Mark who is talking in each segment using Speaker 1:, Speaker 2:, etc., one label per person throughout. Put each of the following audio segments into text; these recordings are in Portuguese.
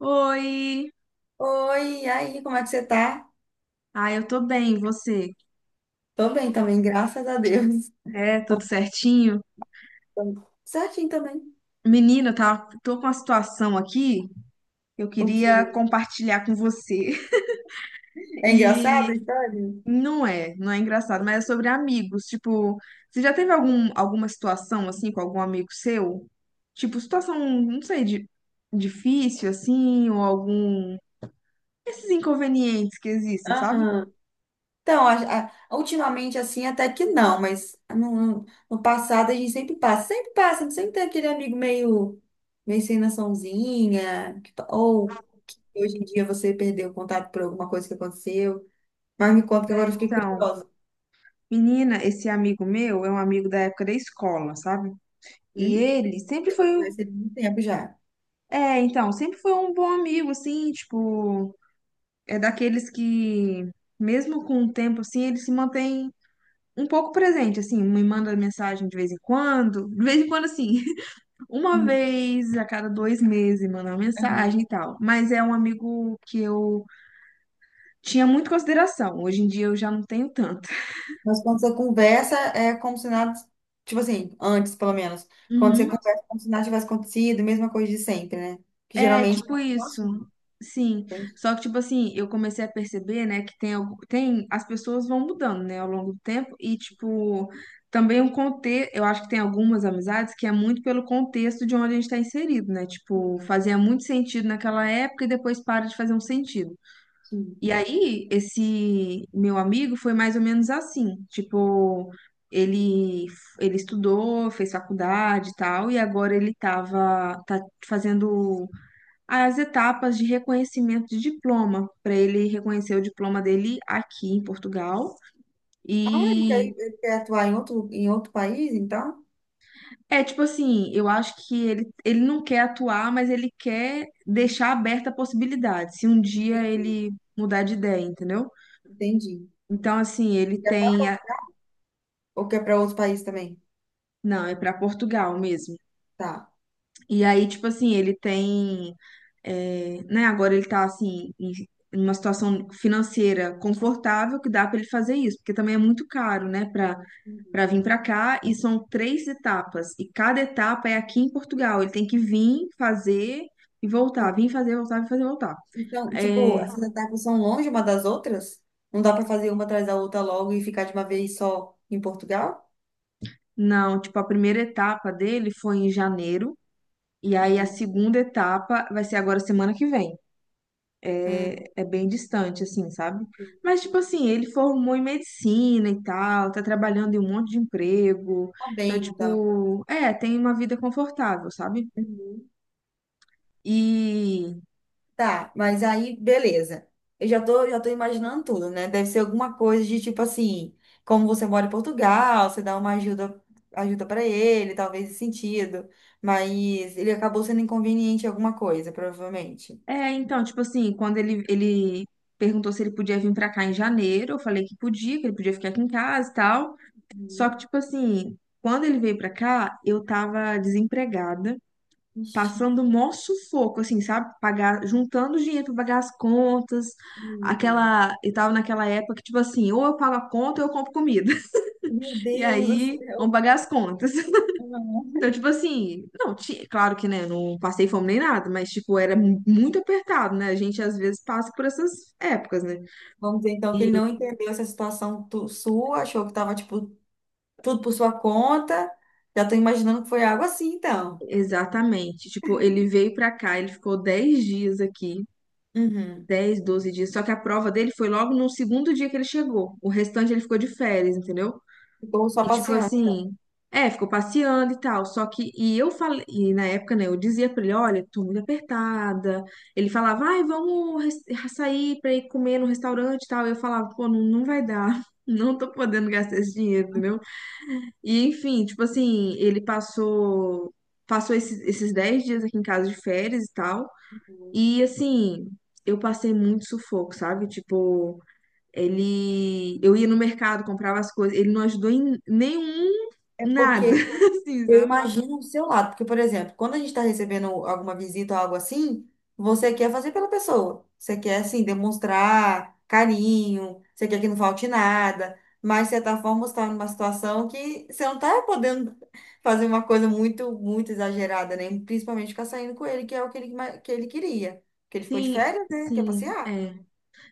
Speaker 1: Oi!
Speaker 2: Oi, e aí, como é que você tá?
Speaker 1: Ah, eu tô bem, e você?
Speaker 2: Tô bem também, graças a Deus.
Speaker 1: É, tudo certinho?
Speaker 2: Tô Certinho também.
Speaker 1: Menina, tá, tô com uma situação aqui que eu
Speaker 2: O que?
Speaker 1: queria compartilhar com você.
Speaker 2: É engraçado a
Speaker 1: E
Speaker 2: história?
Speaker 1: não é engraçado, mas é sobre amigos. Tipo, você já teve alguma situação assim com algum amigo seu? Tipo, situação, não sei, de, difícil assim, ou algum. Esses inconvenientes que existem, sabe?
Speaker 2: Aham. Então, ultimamente assim, até que não, mas no passado a gente sempre passa, sempre passa, sempre tem aquele amigo meio, meio sem noçãozinha, que pa- ou que hoje em dia você perdeu o contato por alguma coisa que aconteceu. Mas me conta que agora eu fiquei
Speaker 1: Então,
Speaker 2: curiosa.
Speaker 1: menina, esse amigo meu é um amigo da época da escola, sabe? E
Speaker 2: Hum?
Speaker 1: ele sempre foi
Speaker 2: Mas tem muito tempo já.
Speaker 1: É, então, sempre foi um bom amigo, assim, tipo, é daqueles que, mesmo com o tempo, assim, ele se mantém um pouco presente, assim, me manda mensagem de vez em quando, de vez em quando, assim, uma vez a cada 2 meses manda uma
Speaker 2: Hum.
Speaker 1: mensagem e tal, mas é um amigo que eu tinha muito consideração, hoje em dia eu já não tenho tanto.
Speaker 2: Mas quando você conversa, é como se nada, tipo assim, antes pelo menos, quando você
Speaker 1: Uhum.
Speaker 2: conversa, é como se nada tivesse acontecido, mesma coisa de sempre, né? Que
Speaker 1: É,
Speaker 2: geralmente,
Speaker 1: tipo
Speaker 2: nossa,
Speaker 1: isso. Sim.
Speaker 2: tem que...
Speaker 1: Só que, tipo assim, eu comecei a perceber, né, que tem, as pessoas vão mudando, né, ao longo do tempo. E, tipo, também o contexto, eu acho que tem algumas amizades que é muito pelo contexto de onde a gente está inserido, né? Tipo, fazia muito sentido naquela época e depois para de fazer um sentido.
Speaker 2: que-
Speaker 1: E aí, esse meu amigo foi mais ou menos assim, tipo, ele, ele estudou, fez faculdade e tal, e agora tá fazendo as etapas de reconhecimento de diploma, para ele reconhecer o diploma dele aqui em Portugal.
Speaker 2: Ah,
Speaker 1: E
Speaker 2: ele quer atuar em outro país, então?
Speaker 1: é tipo assim, eu acho que ele não quer atuar, mas ele quer deixar aberta a possibilidade, se um dia
Speaker 2: Entendi,
Speaker 1: ele mudar de ideia, entendeu?
Speaker 2: entendi.
Speaker 1: Então, assim,
Speaker 2: Ele
Speaker 1: ele
Speaker 2: quer para
Speaker 1: tem.
Speaker 2: Portugal ou quer para outro país também?
Speaker 1: Não, é para Portugal mesmo.
Speaker 2: Tá.
Speaker 1: E aí, tipo assim, ele tem, é, né, agora ele tá assim, em uma situação financeira confortável que dá pra ele fazer isso, porque também é muito caro, né, pra para
Speaker 2: Entendi.
Speaker 1: vir pra cá, e são três etapas, e cada etapa é aqui em Portugal, ele tem que vir, fazer e voltar, vir fazer, voltar, vir fazer, voltar.
Speaker 2: Então, tipo,
Speaker 1: É,
Speaker 2: essas etapas são longe uma das outras? Não dá para fazer uma atrás da outra logo e ficar de uma vez só em Portugal?
Speaker 1: não, tipo, a primeira etapa dele foi em janeiro, e aí a
Speaker 2: Uhum.
Speaker 1: segunda etapa vai ser agora semana que vem.
Speaker 2: Ah,
Speaker 1: É bem distante, assim, sabe? Mas, tipo assim, ele formou em medicina e tal, tá trabalhando em um monte de emprego.
Speaker 2: tá
Speaker 1: Então,
Speaker 2: bem, então.
Speaker 1: tipo, é, tem uma vida confortável, sabe?
Speaker 2: Uhum.
Speaker 1: E,
Speaker 2: Tá, mas aí, beleza. Eu já tô imaginando tudo, né? Deve ser alguma coisa de tipo assim, como você mora em Portugal, você dá uma ajuda, ajuda para ele, talvez esse sentido. Mas ele acabou sendo inconveniente em alguma coisa, provavelmente.
Speaker 1: é, então, tipo assim, quando ele perguntou se ele podia vir pra cá em janeiro, eu falei que podia, que ele podia ficar aqui em casa e tal. Só
Speaker 2: Uhum.
Speaker 1: que, tipo assim, quando ele veio pra cá, eu tava desempregada,
Speaker 2: Ixi,
Speaker 1: passando mó sufoco, assim, sabe? Pagar, juntando dinheiro pra pagar as contas,
Speaker 2: meu Deus.
Speaker 1: aquela, e tava naquela época que, tipo assim, ou eu pago a conta ou eu compro comida.
Speaker 2: Meu
Speaker 1: E
Speaker 2: Deus do
Speaker 1: aí, vamos
Speaker 2: céu.
Speaker 1: pagar as contas.
Speaker 2: Não.
Speaker 1: Então, tipo assim, não, claro que, né, não passei fome nem nada, mas, tipo, era muito apertado, né? A gente, às vezes, passa por essas épocas, né?
Speaker 2: Vamos dizer então que ele não entendeu essa situação sua, achou que tava tipo tudo por sua conta. Já tô imaginando que foi algo assim, então.
Speaker 1: Exatamente. Tipo, ele veio pra cá, ele ficou 10 dias aqui.
Speaker 2: Uhum.
Speaker 1: Dez 12 dias. Só que a prova dele foi logo no segundo dia que ele chegou. O restante ele ficou de férias, entendeu?
Speaker 2: Ficou só
Speaker 1: E tipo
Speaker 2: passeando.
Speaker 1: assim, é, ficou passeando e tal. Só que, e eu falei, e na época, né, eu dizia pra ele, olha, tô muito apertada. Ele falava, ai, vamos sair pra ir comer no restaurante e tal. Eu falava, pô, não, não vai dar. Não tô podendo gastar esse dinheiro, entendeu? E enfim, tipo assim, ele passou, passou esses 10 dias aqui em casa de férias e tal. E assim, eu passei muito sufoco, sabe? Tipo, eu ia no mercado, comprava as coisas, ele não ajudou em nenhum
Speaker 2: É
Speaker 1: nada,
Speaker 2: porque
Speaker 1: assim,
Speaker 2: eu
Speaker 1: sabe?
Speaker 2: imagino o seu lado. Porque, por exemplo, quando a gente está recebendo alguma visita ou algo assim, você quer fazer pela pessoa. Você quer, assim, demonstrar carinho, você quer que não falte nada. Mas, de certa forma, você está numa situação que você não está podendo fazer uma coisa muito, muito exagerada, né? Principalmente ficar saindo com ele, que é o que ele, que ele queria. Porque ele ficou de
Speaker 1: Sim,
Speaker 2: férias, né? Quer
Speaker 1: sim,
Speaker 2: passear.
Speaker 1: é.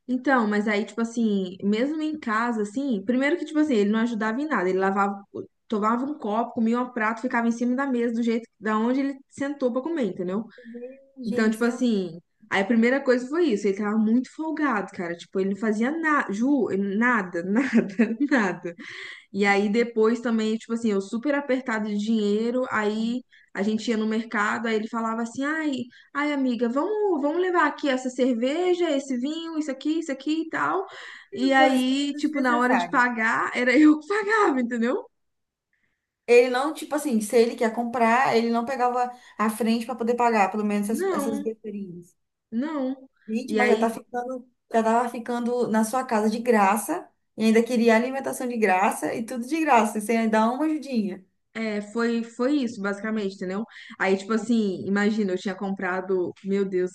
Speaker 1: Então, mas aí, tipo assim, mesmo em casa, assim, primeiro que, tipo assim, ele não ajudava em nada, ele lavava, tomava um copo, comia um prato, ficava em cima da mesa, do jeito, da onde ele sentou pra comer, entendeu? Então,
Speaker 2: Gente,
Speaker 1: tipo
Speaker 2: sem
Speaker 1: assim, aí a primeira coisa foi isso, ele tava muito folgado, cara, tipo, ele não fazia nada, Ju, nada, nada, nada. E aí depois também, tipo assim, eu super apertado de dinheiro, aí a gente ia no mercado, aí ele falava assim: "Ai, amiga, vamos levar aqui essa cerveja, esse vinho, isso aqui e tal". E
Speaker 2: coisas
Speaker 1: aí, tipo, na hora de
Speaker 2: desnecessárias.
Speaker 1: pagar, era eu que pagava, entendeu?
Speaker 2: Ele não, tipo assim, se ele quer comprar, ele não pegava a frente para poder pagar, pelo menos essas
Speaker 1: Não,
Speaker 2: besteirinhas.
Speaker 1: não.
Speaker 2: Gente,
Speaker 1: E
Speaker 2: mas já
Speaker 1: aí,
Speaker 2: tá ficando, já tava ficando na sua casa de graça, e ainda queria alimentação de graça e tudo de graça, e sem ainda dar uma ajudinha.
Speaker 1: é, foi isso, basicamente, entendeu? Aí, tipo assim, imagina, eu tinha comprado, meu Deus,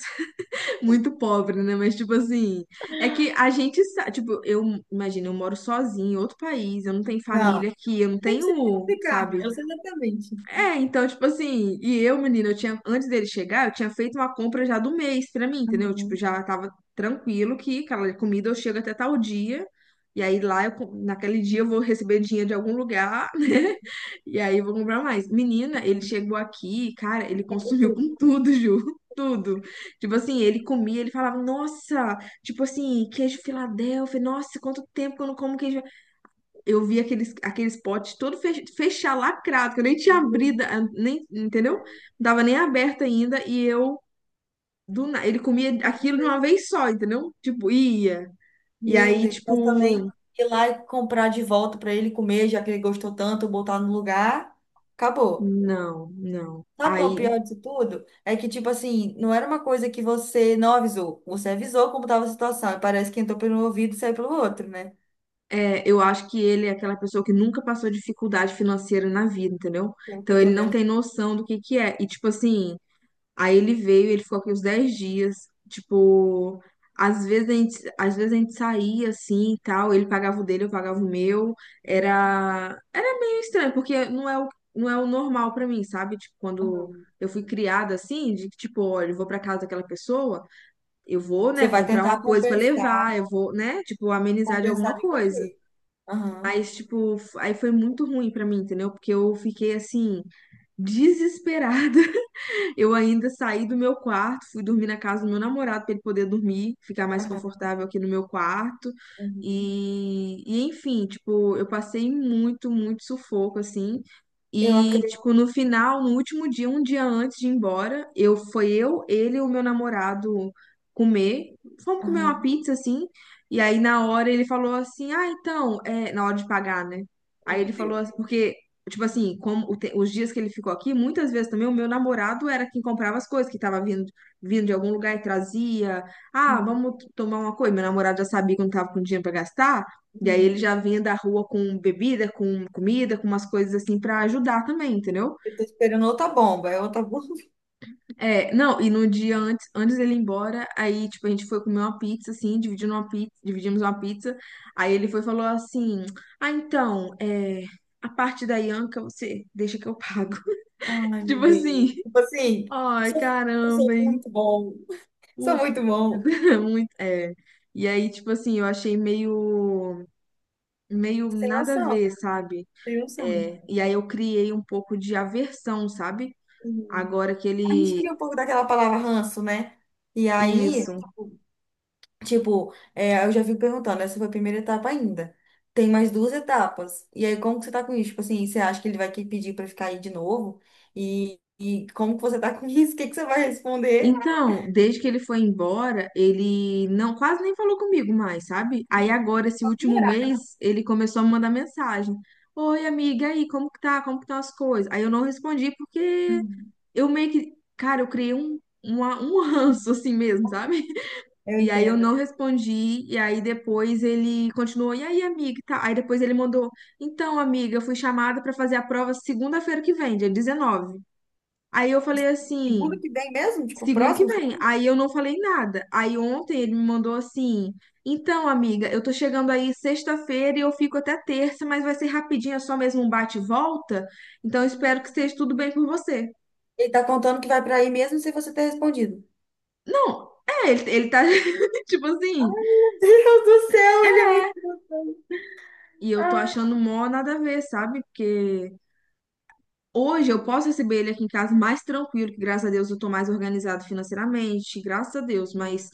Speaker 1: muito pobre, né? Mas, tipo assim, é que a gente sabe, tipo, eu imagino, eu moro sozinha em outro país, eu não tenho
Speaker 2: Não,
Speaker 1: família aqui, eu não
Speaker 2: nem precisa
Speaker 1: tenho,
Speaker 2: explicar,
Speaker 1: sabe,
Speaker 2: eu sei exatamente.
Speaker 1: é, então, tipo assim, e eu, menina, eu tinha, antes dele chegar, eu tinha feito uma compra já do mês pra mim, entendeu? Tipo,
Speaker 2: Uhum.
Speaker 1: já tava tranquilo que aquela comida eu chego até tal dia, e aí lá, eu, naquele dia eu vou receber dinheiro de algum lugar, né? E aí eu vou comprar mais. Menina, ele
Speaker 2: Então,
Speaker 1: chegou aqui, cara, ele
Speaker 2: pagou
Speaker 1: consumiu
Speaker 2: tudo.
Speaker 1: com tudo, Ju, tudo. Tipo assim, ele comia, ele falava, nossa, tipo assim, queijo Filadélfia, nossa, quanto tempo que eu não como queijo. Eu vi aqueles potes todo fechado, lacrado, que eu nem tinha
Speaker 2: Uhum.
Speaker 1: abrido, ah, nem, entendeu? Não tava nem aberto ainda, e eu, ele comia aquilo de uma vez só, entendeu? Tipo, ia. E
Speaker 2: Meu
Speaker 1: aí,
Speaker 2: Deus, mas também
Speaker 1: tipo,
Speaker 2: ir lá e comprar de volta para ele comer, já que ele gostou tanto, botar no lugar, acabou.
Speaker 1: não, não.
Speaker 2: Sabe qual é o
Speaker 1: Aí,
Speaker 2: pior disso tudo? É que, tipo assim, não era uma coisa que você não avisou. Você avisou como estava a situação. E parece que entrou pelo um ouvido e saiu pelo outro, né?
Speaker 1: é, eu acho que ele é aquela pessoa que nunca passou dificuldade financeira na vida, entendeu?
Speaker 2: Pelo que
Speaker 1: Então,
Speaker 2: eu
Speaker 1: ele
Speaker 2: tô
Speaker 1: não
Speaker 2: vendo.
Speaker 1: tem noção do que é. E, tipo assim, aí ele veio, ele ficou aqui uns 10 dias. Tipo, às vezes a gente saía assim e tal, ele pagava o dele, eu pagava o meu. Era meio estranho, porque não é o normal pra mim, sabe? Tipo, quando
Speaker 2: Aham.
Speaker 1: eu fui criada assim, de que, tipo, olha, eu vou pra casa daquela pessoa, eu vou, né,
Speaker 2: Você vai
Speaker 1: comprar uma
Speaker 2: tentar
Speaker 1: coisa pra
Speaker 2: compensar.
Speaker 1: levar, eu vou, né, tipo, amenizar de alguma
Speaker 2: Compensar de que
Speaker 1: coisa.
Speaker 2: jeito? Aham.
Speaker 1: Mas, tipo, aí foi muito ruim pra mim, entendeu? Porque eu fiquei assim, desesperada. Eu ainda saí do meu quarto, fui dormir na casa do meu namorado para ele poder dormir, ficar mais
Speaker 2: Aham.
Speaker 1: confortável aqui no meu quarto.
Speaker 2: Uhum.
Speaker 1: E enfim, tipo, eu passei muito, muito sufoco assim.
Speaker 2: Eu
Speaker 1: E
Speaker 2: acredito.
Speaker 1: tipo, no final, no último dia, um dia antes de ir embora, eu foi eu, ele e o meu namorado comer. Fomos comer uma
Speaker 2: Aham.
Speaker 1: pizza assim. E aí na hora ele falou assim: "Ah, então, é na hora de pagar, né?"
Speaker 2: Oh,
Speaker 1: Aí ele
Speaker 2: meu
Speaker 1: falou
Speaker 2: Deus.
Speaker 1: assim, porque tipo assim, como o os dias que ele ficou aqui, muitas vezes também o meu namorado era quem comprava as coisas, que tava vindo de algum lugar e trazia. Ah,
Speaker 2: Hum.
Speaker 1: vamos tomar uma coisa. Meu namorado já sabia que eu não tava com dinheiro pra gastar, e aí ele
Speaker 2: Uhum.
Speaker 1: já vinha da rua com bebida, com comida, com umas coisas assim pra ajudar também, entendeu?
Speaker 2: Eu tô esperando outra bomba. É outra bomba.
Speaker 1: É, não, e no dia antes dele ir embora, aí, tipo, a gente foi comer uma pizza, assim, dividindo uma pizza, dividimos uma pizza, aí ele foi e falou assim, ah, então, é, a parte da Ianca você deixa que eu pago.
Speaker 2: Ai, meu
Speaker 1: Tipo
Speaker 2: Deus.
Speaker 1: assim,
Speaker 2: Tipo assim,
Speaker 1: ai,
Speaker 2: sou, eu
Speaker 1: caramba,
Speaker 2: sou
Speaker 1: hein?
Speaker 2: muito bom. Sou
Speaker 1: Puta
Speaker 2: muito
Speaker 1: merda.
Speaker 2: bom.
Speaker 1: Muito, é. E aí, tipo assim, eu achei meio
Speaker 2: Sem
Speaker 1: nada a
Speaker 2: noção.
Speaker 1: ver, sabe?
Speaker 2: Sem noção.
Speaker 1: É. E aí eu criei um pouco de aversão, sabe?
Speaker 2: Uhum.
Speaker 1: Agora que
Speaker 2: A gente
Speaker 1: ele.
Speaker 2: cria um pouco daquela palavra ranço, né? E aí,
Speaker 1: Isso.
Speaker 2: tipo, é, eu já fico perguntando, essa foi a primeira etapa ainda. Tem mais duas etapas. E aí, como que você tá com isso? Tipo assim, você acha que ele vai pedir pra ficar aí de novo? E como que você tá com isso? O que que você vai responder?
Speaker 1: Então, desde que ele foi embora, ele não quase nem falou comigo mais, sabe? Aí agora, esse
Speaker 2: Pra
Speaker 1: último
Speaker 2: piorar, né?
Speaker 1: mês, ele começou a me mandar mensagem. Oi, amiga, e aí, como que tá? Como que estão as coisas? Aí eu não respondi porque
Speaker 2: Uhum.
Speaker 1: eu meio que, cara, eu criei um ranço assim mesmo, sabe?
Speaker 2: Eu
Speaker 1: E aí eu
Speaker 2: entendo.
Speaker 1: não respondi, e aí depois ele continuou, e aí, amiga, e tal. Aí depois ele mandou, então, amiga, eu fui chamada pra fazer a prova segunda-feira que vem, dia 19. Aí eu falei assim,
Speaker 2: Segundo que vem mesmo? Tipo,
Speaker 1: segunda que
Speaker 2: próximo?
Speaker 1: vem. Aí eu não falei nada. Aí ontem ele me mandou assim, então, amiga, eu tô chegando aí sexta-feira e eu fico até terça, mas vai ser rapidinho, é só mesmo um bate e volta. Então, eu
Speaker 2: Uhum.
Speaker 1: espero que esteja tudo bem com você.
Speaker 2: Ele tá contando que vai pra aí mesmo sem você ter respondido.
Speaker 1: Não, é, ele tá, tipo assim,
Speaker 2: Meu Deus do céu, ele é muito.
Speaker 1: e eu tô
Speaker 2: Ai.
Speaker 1: achando mó nada a ver, sabe? Porque hoje eu posso receber ele aqui em casa mais tranquilo, que graças a Deus eu tô mais organizado financeiramente, graças a Deus, mas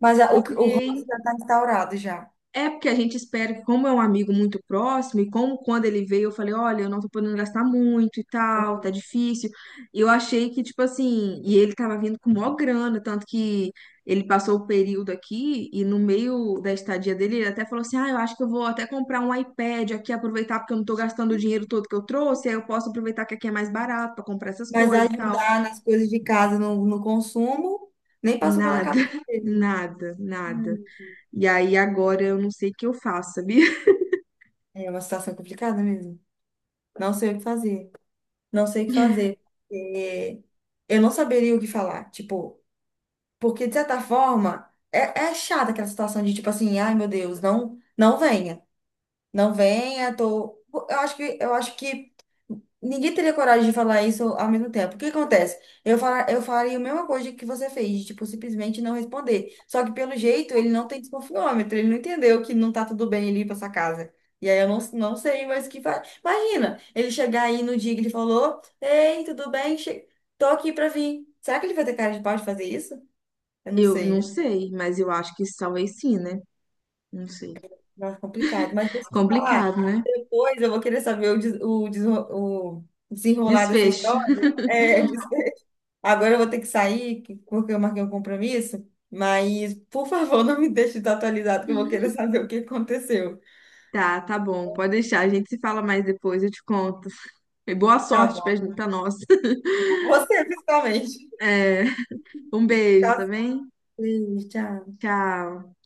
Speaker 2: Mas
Speaker 1: eu
Speaker 2: o ranço
Speaker 1: criei.
Speaker 2: já está instaurado já.
Speaker 1: É porque a gente espera que, como é um amigo muito próximo, e como quando ele veio, eu falei, olha, eu não tô podendo gastar muito e tal, tá difícil. E eu achei que, tipo assim, e ele tava vindo com maior grana, tanto que ele passou o período aqui, e no meio da estadia dele, ele até falou assim, ah, eu acho que eu vou até comprar um iPad aqui, aproveitar, porque eu não tô gastando o dinheiro todo que eu trouxe, aí eu posso aproveitar que aqui é mais barato pra comprar essas
Speaker 2: Mas
Speaker 1: coisas e tal.
Speaker 2: ajudar nas coisas de casa, no, no consumo, nem passou pela
Speaker 1: Nada,
Speaker 2: cabeça dele.
Speaker 1: nada, nada.
Speaker 2: Hum.
Speaker 1: E aí agora eu não sei o que eu faço, sabia?
Speaker 2: É uma situação complicada mesmo. Não sei o que fazer. Não sei o que fazer. É, eu não saberia o que falar. Tipo, porque de certa forma, é, é chata aquela situação de tipo assim, ai meu Deus, não, não venha. Não venha, tô. Eu acho que ninguém teria coragem de falar isso ao mesmo tempo. O que acontece? Eu faria a mesma coisa que você fez, de, tipo, simplesmente não responder. Só que pelo jeito ele não tem desconfiômetro, ele não entendeu que não tá tudo bem ele ir pra essa casa. E aí eu não, não sei mais o que faz. Imagina, ele chegar aí no dia que ele falou: Ei, tudo bem? Che... Tô aqui pra vir. Será que ele vai ter cara de pau de fazer isso? Eu não
Speaker 1: Eu não
Speaker 2: sei.
Speaker 1: sei, mas eu acho que talvez sim, né? Não sei.
Speaker 2: Nossa, complicado. Mas deixa eu te falar.
Speaker 1: Complicado, né?
Speaker 2: Depois eu vou querer saber o, desenrolar dessa
Speaker 1: Desfecho.
Speaker 2: história. É, desfecho. Agora eu vou ter que sair, porque eu marquei um compromisso. Mas, por favor, não me deixe desatualizado, que eu vou querer saber o que aconteceu.
Speaker 1: Tá, tá bom. Pode deixar. A gente se fala mais depois, eu te conto. E boa
Speaker 2: Tá
Speaker 1: sorte pra,
Speaker 2: bom.
Speaker 1: pra nós.
Speaker 2: Você, principalmente.
Speaker 1: É, um beijo,
Speaker 2: Tchau,
Speaker 1: tá bem?
Speaker 2: Cris. Tchau.
Speaker 1: Tchau.